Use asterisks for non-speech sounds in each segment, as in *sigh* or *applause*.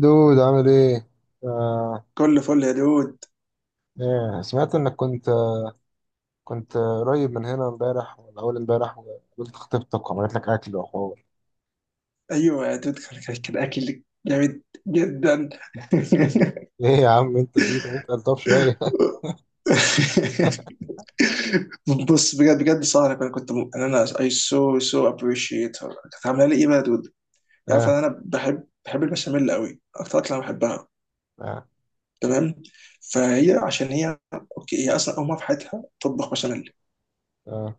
دود، عامل ايه؟ آه. كل فل يا دود. ايه، سمعت انك كنت قريب من هنا امبارح ولا اول امبارح، وقابلت خطيبتك وعملت لك اكل وحوار. ايوه يا دود، كان اكل جامد جدا. *laughs* *laughs* ايه يا عم، انت فيه؟ طب انت قلطاب شويه. بص بجد بجد سهرة. انا انا I so so appreciate her. كانت عامله لي ايه بقى يا دود؟ *laughs* عارف ان اه، انا بحب البشاميل قوي، اكتر اكله انا بحبها. اه، تمام. فهي عشان هي اوكي هي اصلا اول مره في حياتها تطبخ بشاميل. اه.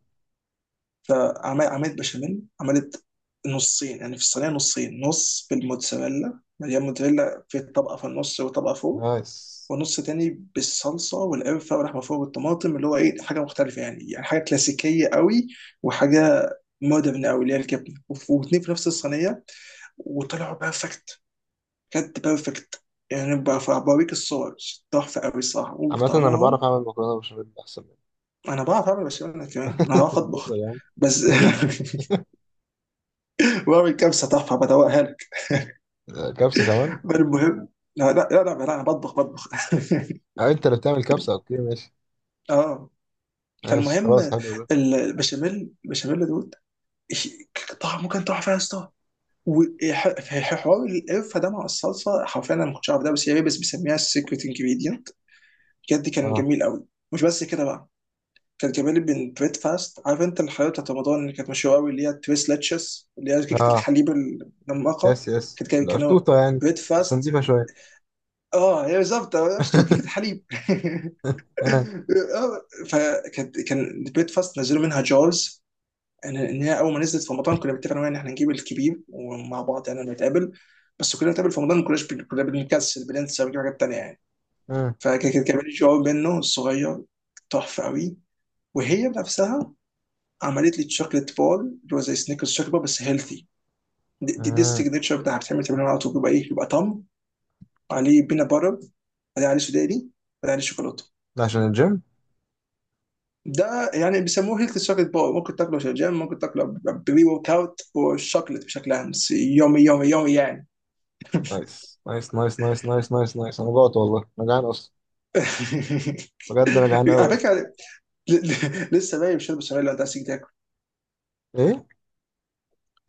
فعملت بشاميل، عملت نصين يعني في الصينيه. نصين، نص بالموتزاريلا مليان موتزاريلا في طبقه في النص وطبقه فوق، نايس. ونص تاني بالصلصه والقرفه واللحمه فوق والطماطم اللي هو ايه حاجه مختلفه، يعني حاجه كلاسيكيه قوي وحاجه مودرن قوي اللي هي الجبنه، واتنين في نفس الصينيه. وطلعوا بيرفكت، بجد بيرفكت. يعني بوريك الصور تحفه قوي الصراحه، عامة انا بعرف وطعمهم. اعمل مكرونه بشاميل احسن منك. انا بعرف اعمل بشاميل، أنا كمان انا بعرف *laughs* اطبخ. بتهزر يا عم. بس *laughs* بعمل كبسه تحفه، بدوقها. آه، كبسه كمان. بل المهم، لا لا لا لا، لا انا بطبخ بطبخ *laughs* آه، انت اللي بتعمل كبسه. اوكي، ماشي. اه، ماشي فالمهم خلاص، حلو ده. البشاميل دوت. إيش- طعمه كان تحفه يا اسطى. وحوار القرفه ده مع الصلصه حرفيا، انا ما كنتش عارف ده، بس هي بيسميها السيكريت انجريدينت. بجد كان اه، جميل قوي. مش بس كده بقى، كان جميل بالبريد فاست. عارف انت الحلويات بتاعت رمضان اللي كانت مشهوره قوي، اللي هي التريس لاتشس اللي هي كيكه اه، الحليب المنمقه؟ يس، يس، كانوا القشطوطه يعني. بريد بس فاست. نضيفه شويه. اه، هي بالظبط شو كيكه *laughs* الحليب *laughs* اه، آه، كان بريكفاست، نزلوا منها جارز. ان هي اول ما نزلت في رمضان كنا بنتفق انا وهي ان احنا نجيب الكبير ومع بعض، يعني لما نتقابل. بس كلنا بنتقابل في رمضان، ما كناش كنا بنكسل، بننسى ونجيب حاجات تانية يعني. اه، كان جار منه الصغير، تحفه قوي. وهي بنفسها عملت لي تشوكلت بول اللي هو زي سنيكرز شوكليت بول بس هيلثي. دي اه. السيجنتشر بتاعها. بتعمل تمرين على طول، بيبقى ايه، بيبقى طم عليه بينا باتر، بعدين عليه سوداني، بعدين عليه شوكولاته. ده عشان الجيم؟ ده يعني بيسموه هيلث شوكليت باور، ممكن تاكله في الجيم، ممكن تاكله بري ورك اوت والشوكليت بشكل عام، بس يومي يومي يومي يعني. نايس، نايس، نايس، نايس، نايس، نايس، نايس. انا جوعت والله، انا جعان اصلا. *laughs* بجد انا جعان على قوي بس. فكره، لسه باقي شرب بشاميل لو انت عايز تيجي تاكل. ايه؟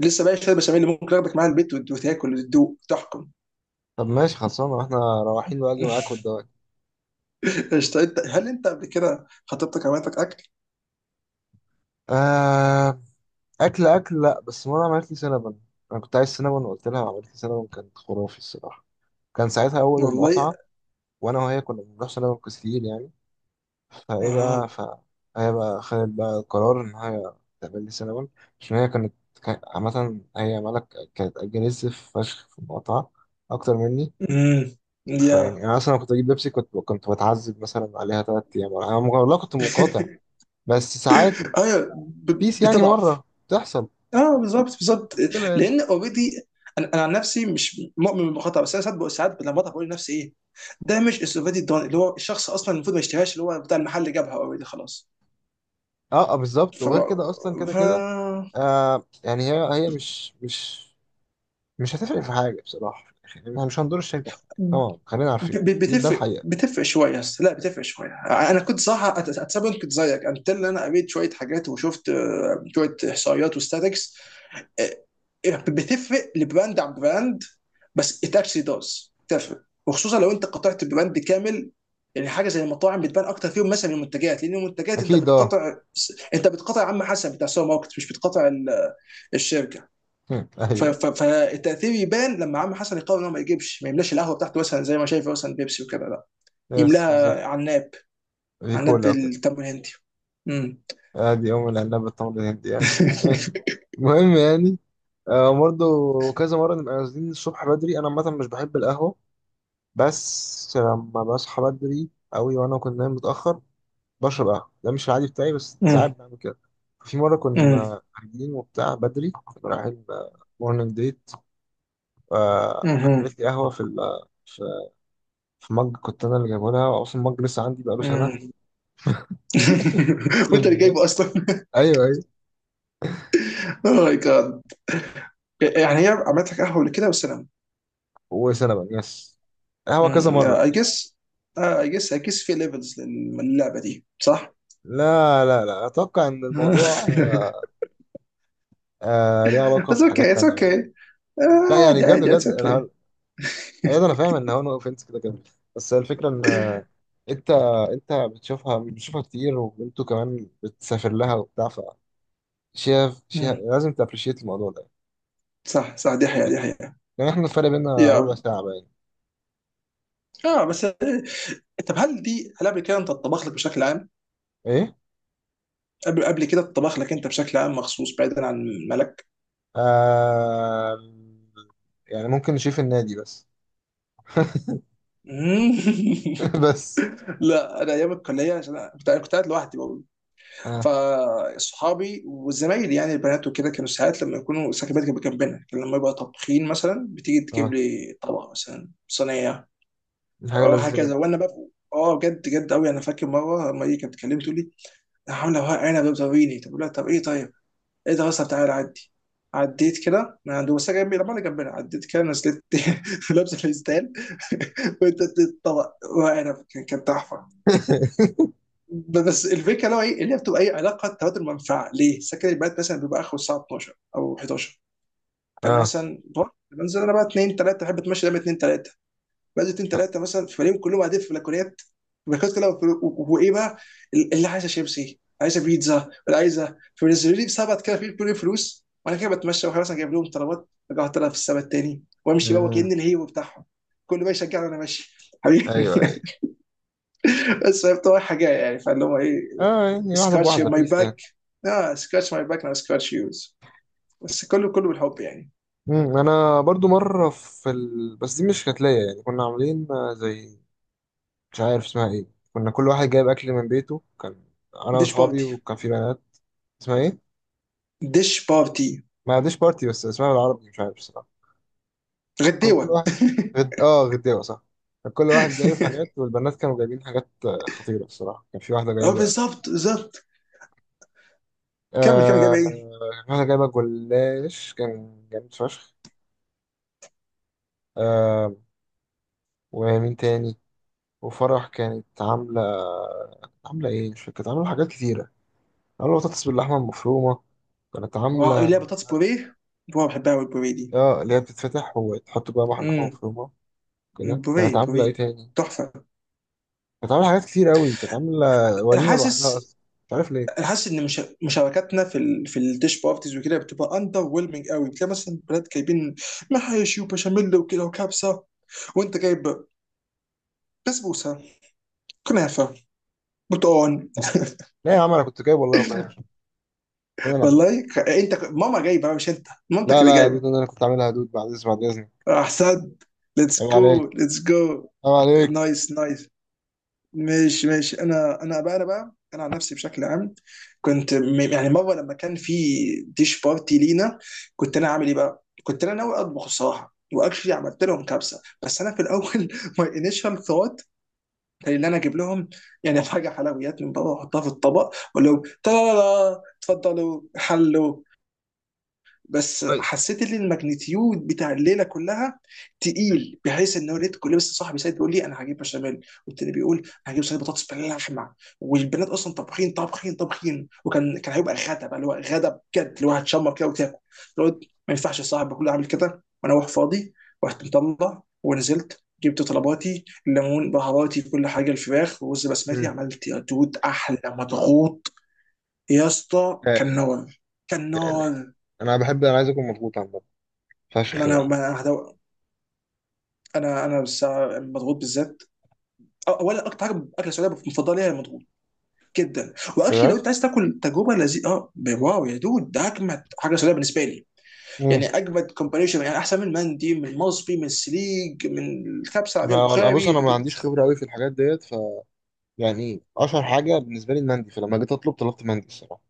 لسه باقي شرب بشاميل اللي ممكن اخدك معايا البيت وتاكل وتدوق تحكم. طب ماشي خلصانه، احنا رايحين واجي معاك والدواك. *laughs* قشطة. انت، هل انت قبل كده خطيبتك عملتك اكل؟ آه. اكل اكل، لا بس مره عملت لي سينابون. انا كنت عايز سينابون وقلت لها، وعملت لي سينابون، كانت خرافي الصراحه. كان ساعتها اول والله. المقاطعه. وانا وهي كنا بنروح سينابون كتير يعني. فايه بقى. اها. هي بقى خدت بقى القرار ان هي تعمل لي سينابون. عشان هي كانت عامه هي مالك، كانت اجريسيف فشخ في المقاطعه اكتر مني. امم. يا فيعني انا اصلا كنت اجيب بيبسي، كنت بتعذب مثلا عليها 3 ايام. انا والله كنت مقاطع. *laughs* بس ساعات ايوه، بيس يعني، بتضعف. مره بتحصل اه بالظبط بالظبط. مشكله يعني. لان اوريدي، انا عن نفسي مش مؤمن بالخطا، بس انا ساعات ساعات لما بضحك بقول لنفسي ايه ده؟ مش السوفيتي الدون اللي هو الشخص اصلا المفروض ما يشتريهاش، اللي هو بتاع المحل جابها اوريدي خلاص. اه، آه، بالظبط. ف وغير كده اصلا كده ف كده. يعني هي مش هتفرق في حاجه بصراحه، يعني احنا مش هندور الشركه في حاجه طبعا، خلينا ب- عارفين ب- دي، ده بتفرق الحقيقه. بتفرق شويه، بس لا بتفرق شويه. انا كنت صراحه اتسبب كنت زيك انت، اللي انا قريت شويه حاجات وشفت شويه احصائيات وستاتكس. آه، بتفرق لبراند عن براند، بس ات اكشلي داز تفرق، وخصوصا لو انت قطعت براند كامل. يعني حاجه زي المطاعم بتبان اكتر فيهم مثلا من المنتجات، لان المنتجات انت اكيد. اه. بتقطع، انت بتقطع عم حسن بتاع سوبر ماركت، مش بتقطع الشركه. *laughs* هم، ايوه. فالتاثير يبان لما عم حسن يقرر ان هو ما يملاش القهوه بتاعته، مثلا زي ما شايف مثلا بيبسي وكده، لا، يس، بالظبط. يملاها عناب، دي عناب كولا وكده. بالتمر الهندي. امم. ادي ام العنب بالتمر الهندي، يعني ماشي. المهم يعني. برضه، كذا مرة نبقى نازلين الصبح بدري. أنا عامة مش بحب القهوة، بس لما بصحى بدري قوي وانا كنت نايم متاخر بشرب قهوه. ده مش العادي بتاعي، بس ساعات امم. بعمل كده. في مره كنا قاعدين وبتاع بدري، كنا رايحين مورنينج ديت. امم. عملت لي قهوه في ال- في في مج، كنت انا اللي جايبه لها، واصلا مج لسه عندي بقاله سنه. *laughs* *laughs* الحمد وانت اللي لله. جايبه اصلا *laughs* ايوه، ايوه. اوه ماي جاد! يعني هي عملت لك قهوه كده والسلام؟ وسنه بقى، يس. قهوه كذا مره اي كتير. جس اي جس في ليفلز للعبه دي، صح؟ لا، لا، لا، اتوقع ان الموضوع *laughs* آه ليه علاقه بس اوكي، بحاجات اتس تانية بقى. اوكي. لا يعني، عادي بجد عادي، اتس بجد. اوكي. ايوه، انا فاهم ان هو نو اوفنس كده كده. بس الفكره ان انت انت بتشوفها بتشوفها كتير، وانتوا كمان بتسافر لها وبتاع. شايف، لازم تابريشيت الموضوع ده. صح صح، دي حقيقة، دي بس حقيقة. يعني، احنا الفرق بينا ربع يا ساعه باين. اه بس، طب هل قبل كده انت اتطبخ لك بشكل عام؟ ايه. قبل كده اتطبخ لك انت بشكل عام، مخصوص، بعيدا عن ملك؟ آه... يعني ممكن نشوف النادي بس. *laughs* *laughs* بس. لا، انا ايام الكلية عشان أنا كنت قاعد لوحدي. اه، فاصحابي وزمايلي يعني البنات وكده كانوا ساعات لما يكونوا سكبات كانت جنبنا، كان لما يبقى طابخين مثلا بتيجي تجيب اه، لي طبق مثلا صينيه. دي حاجه اه لذيذه هكذا، جدا. وانا بقى اه بجد بجد قوي. انا فاكر مره لما هي كانت بتكلمني تقول لي انا عامله ورق عنب بتوريني. طب أقول لها طب ايه، طيب ايه ده اصلا؟ تعالى عدي. عديت كده من عند بس جنبي، لما انا جنبنا عديت كده، نزلت *laughs* لابسه فستان *laughs* وانت الطبق ورق عنب، كان تحفه. *laughs* بس الفكره اللي هو ايه، اللي هي بتبقى ايه، علاقه تبادل منفعه. ليه؟ سكن البنات مثلا بيبقى اخره الساعه 12 او 11. فانا اه، مثلا بروح بنزل، انا بقى 2 3 بحب اتمشى دايما 2 3. بنزل 2 3 مثلا فبلاقيهم كلهم قاعدين في بلكونات، بلكونات كلها. وايه بقى، اللي عايزه شيبسي، عايزه بيتزا، اللي عايزه، فبينزلوا لي بسبت كده في كل فلوس، وانا كده بتمشى واحد مثلا جايب لهم طلبات. رجعت لها في السبت التاني وامشي بقى، آه. كأن الهيبه بتاعهم كل ما يشجعني وانا ماشي، حبيبي ايوه، ايوه. *laughs* بس فهي بتبقى حاجه يعني، فاللي هو ايه، اه يعني واحده سكراتش بواحده، ماي بيس يعني. باك. اه، سكراتش ماي باك ناو سكراتش يوز. بس كله كله بالحب يعني. انا برضو مره بس دي مش كتلايه يعني، كنا عاملين زي، مش عارف اسمها ايه. كنا كل واحد جايب اكل من بيته. انا ديش واصحابي بارتي. وكان في بنات. اسمها ايه؟ ديش بارتي. ما عنديش بارتي، بس اسمها بالعربي مش عارف الصراحه. كان كل غديوه. واحد اه، غداوه صح. كان كل واحد جايب حاجات، *laughs* والبنات كانوا جايبين حاجات خطيره الصراحه. كان في واحده اه جايبه. بالظبط بالظبط. كمل كمل، جاب آه... كان ايه؟ في واحده جايبه جلاش، كان جامد فشخ. آه... ومين تاني؟ وفرح كانت عامله ايه مش فاكر، كانت عامله حاجات كتيره. عامله بطاطس باللحمه المفرومه، كانت واو، عامله. لا، بطاطس بوريه. واو بحبها قوي البوريه دي. اه، اللي هي بتتفتح وتحط جواها لحمه امم. مفرومه كده. كانت بوريه عامله ايه بوريه تاني؟ تحفه. كانت عامله حاجات كتير قوي، كانت عامله انا وليمه لوحدها حاسس، اصلا. مش عارف ليه. ان مش... مشاركاتنا في في الديش بارتيز وكده بتبقى اندر ويلمنج قوي. بتلاقي مثلا بلاد جايبين محاشي وبشاميل وكده وكبسه، وانت جايب بسبوسه، كنافه، بطون *laughs* لا يا عم، انا كنت جايب والله مكرونه بشاميل، انا اللي عاملها. والله، ماما جايبه، مش انت، مامتك لا، اللي لا يا دود، جايبه. انا اللي كنت عاملها يا دود، بعد اذنك. احسن. ليتس عيب جو عليك، ليتس جو. عيب عليك. نايس نايس. ماشي ماشي، انا عن نفسي بشكل عام، يعني مره لما كان في ديش بارتي لينا، كنت انا عامل ايه بقى؟ كنت انا ناوي اطبخ الصراحه، واكشلي عملت لهم كبسه، بس انا في الاول *laughs* ماي انيشال ثوت كان ان انا اجيب لهم يعني حاجه حلويات من بره واحطها في الطبق واقول لهم اتفضلوا، حلوا. بس كويس. حسيت ان الماجنتيود بتاع الليله كلها تقيل، بحيث ان هو لقيت كل، بس صاحبي سيد بيقول لي انا هجيب بشاميل، والتاني بيقول انا هجيب صينيه بطاطس باللحمه، والبنات اصلا طابخين طابخين طابخين، وكان هيبقى غدا بقى اللي هو غدا بجد، اللي هو هتشمر كده وتاكل، اللي هو ما ينفعش صاحبي كله عامل كده وانا واقف فاضي. رحت مطلع ونزلت، جبت طلباتي الليمون بهاراتي كل حاجه، الفراخ، ورز بسمتي، مم. عملت يا دود احلى مضغوط. يا اسطى كان تالي، نار، كان تالي. نار. انا عايز اكون مضغوط عامه، ما فشخ انا بقى. ما انا هدو... انا بس مضغوط بالذات. اولا اكتر حاجه اكله سعوديه مفضله ليا المضغوط جدا. واكشلي لو بجد. انت عايز تاكل تجربه لذيذه، اه، واو يا دود، ده اجمد حاجه سعوديه بالنسبه لي، مم. يعني اجمد كومبانيشن، يعني احسن من المندي، من المصبي، من السليج، من الكبسه العاديه، بص، البخاري، انا ما عنديش خبره قوي في الحاجات ديت. يعني اشهر حاجه بالنسبه لي المندي، فلما جيت اطلب طلبت مندي الصراحه.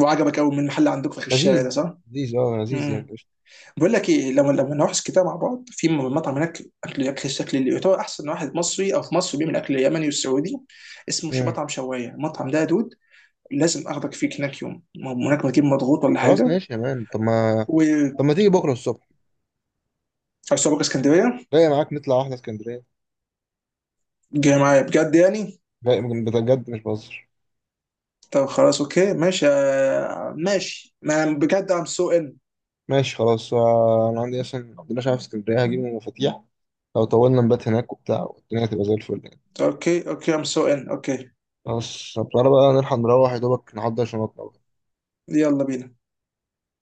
وعجبك قوي من محل عندكم في آخر الشارع ده، لذيذ. صح؟ لذيذ، اه لذيذ يعني، امم. قشطة. بقول لك ايه، لما نروح كده مع بعض في مطعم هناك، اكل الشكل اللي يعتبر احسن واحد مصري او في مصر بيعمل اكل يمني والسعودي، اسمه مش مم. مطعم شوايه المطعم ده يا دود. لازم اخدك فيه هناك يوم، ما هو هناك بجيب مضغوط ولا خلاص، حاجه. ماشي يا مان. طب ما وعايز طب ما تيجي بكرة الصبح، اسكندريه؟ جاي معاك نطلع واحدة اسكندرية. جاي معايا بجد يعني؟ جاي بجد، مش بهزر. طب خلاص اوكي ماشي، ماشي، ما أنا بجد ام سو ان. ماشي خلاص. انا عندي اصلا عندنا شعب في اسكندرية، هجيب من المفاتيح. لو طولنا نبات هناك وبتاع، والدنيا هتبقى زي الفل يعني. اوكي اوكي ام سو ان اوكي. خلاص، طب تعالى بقى نلحق نروح يا دوبك نحضر شنطنا. يلا بينا.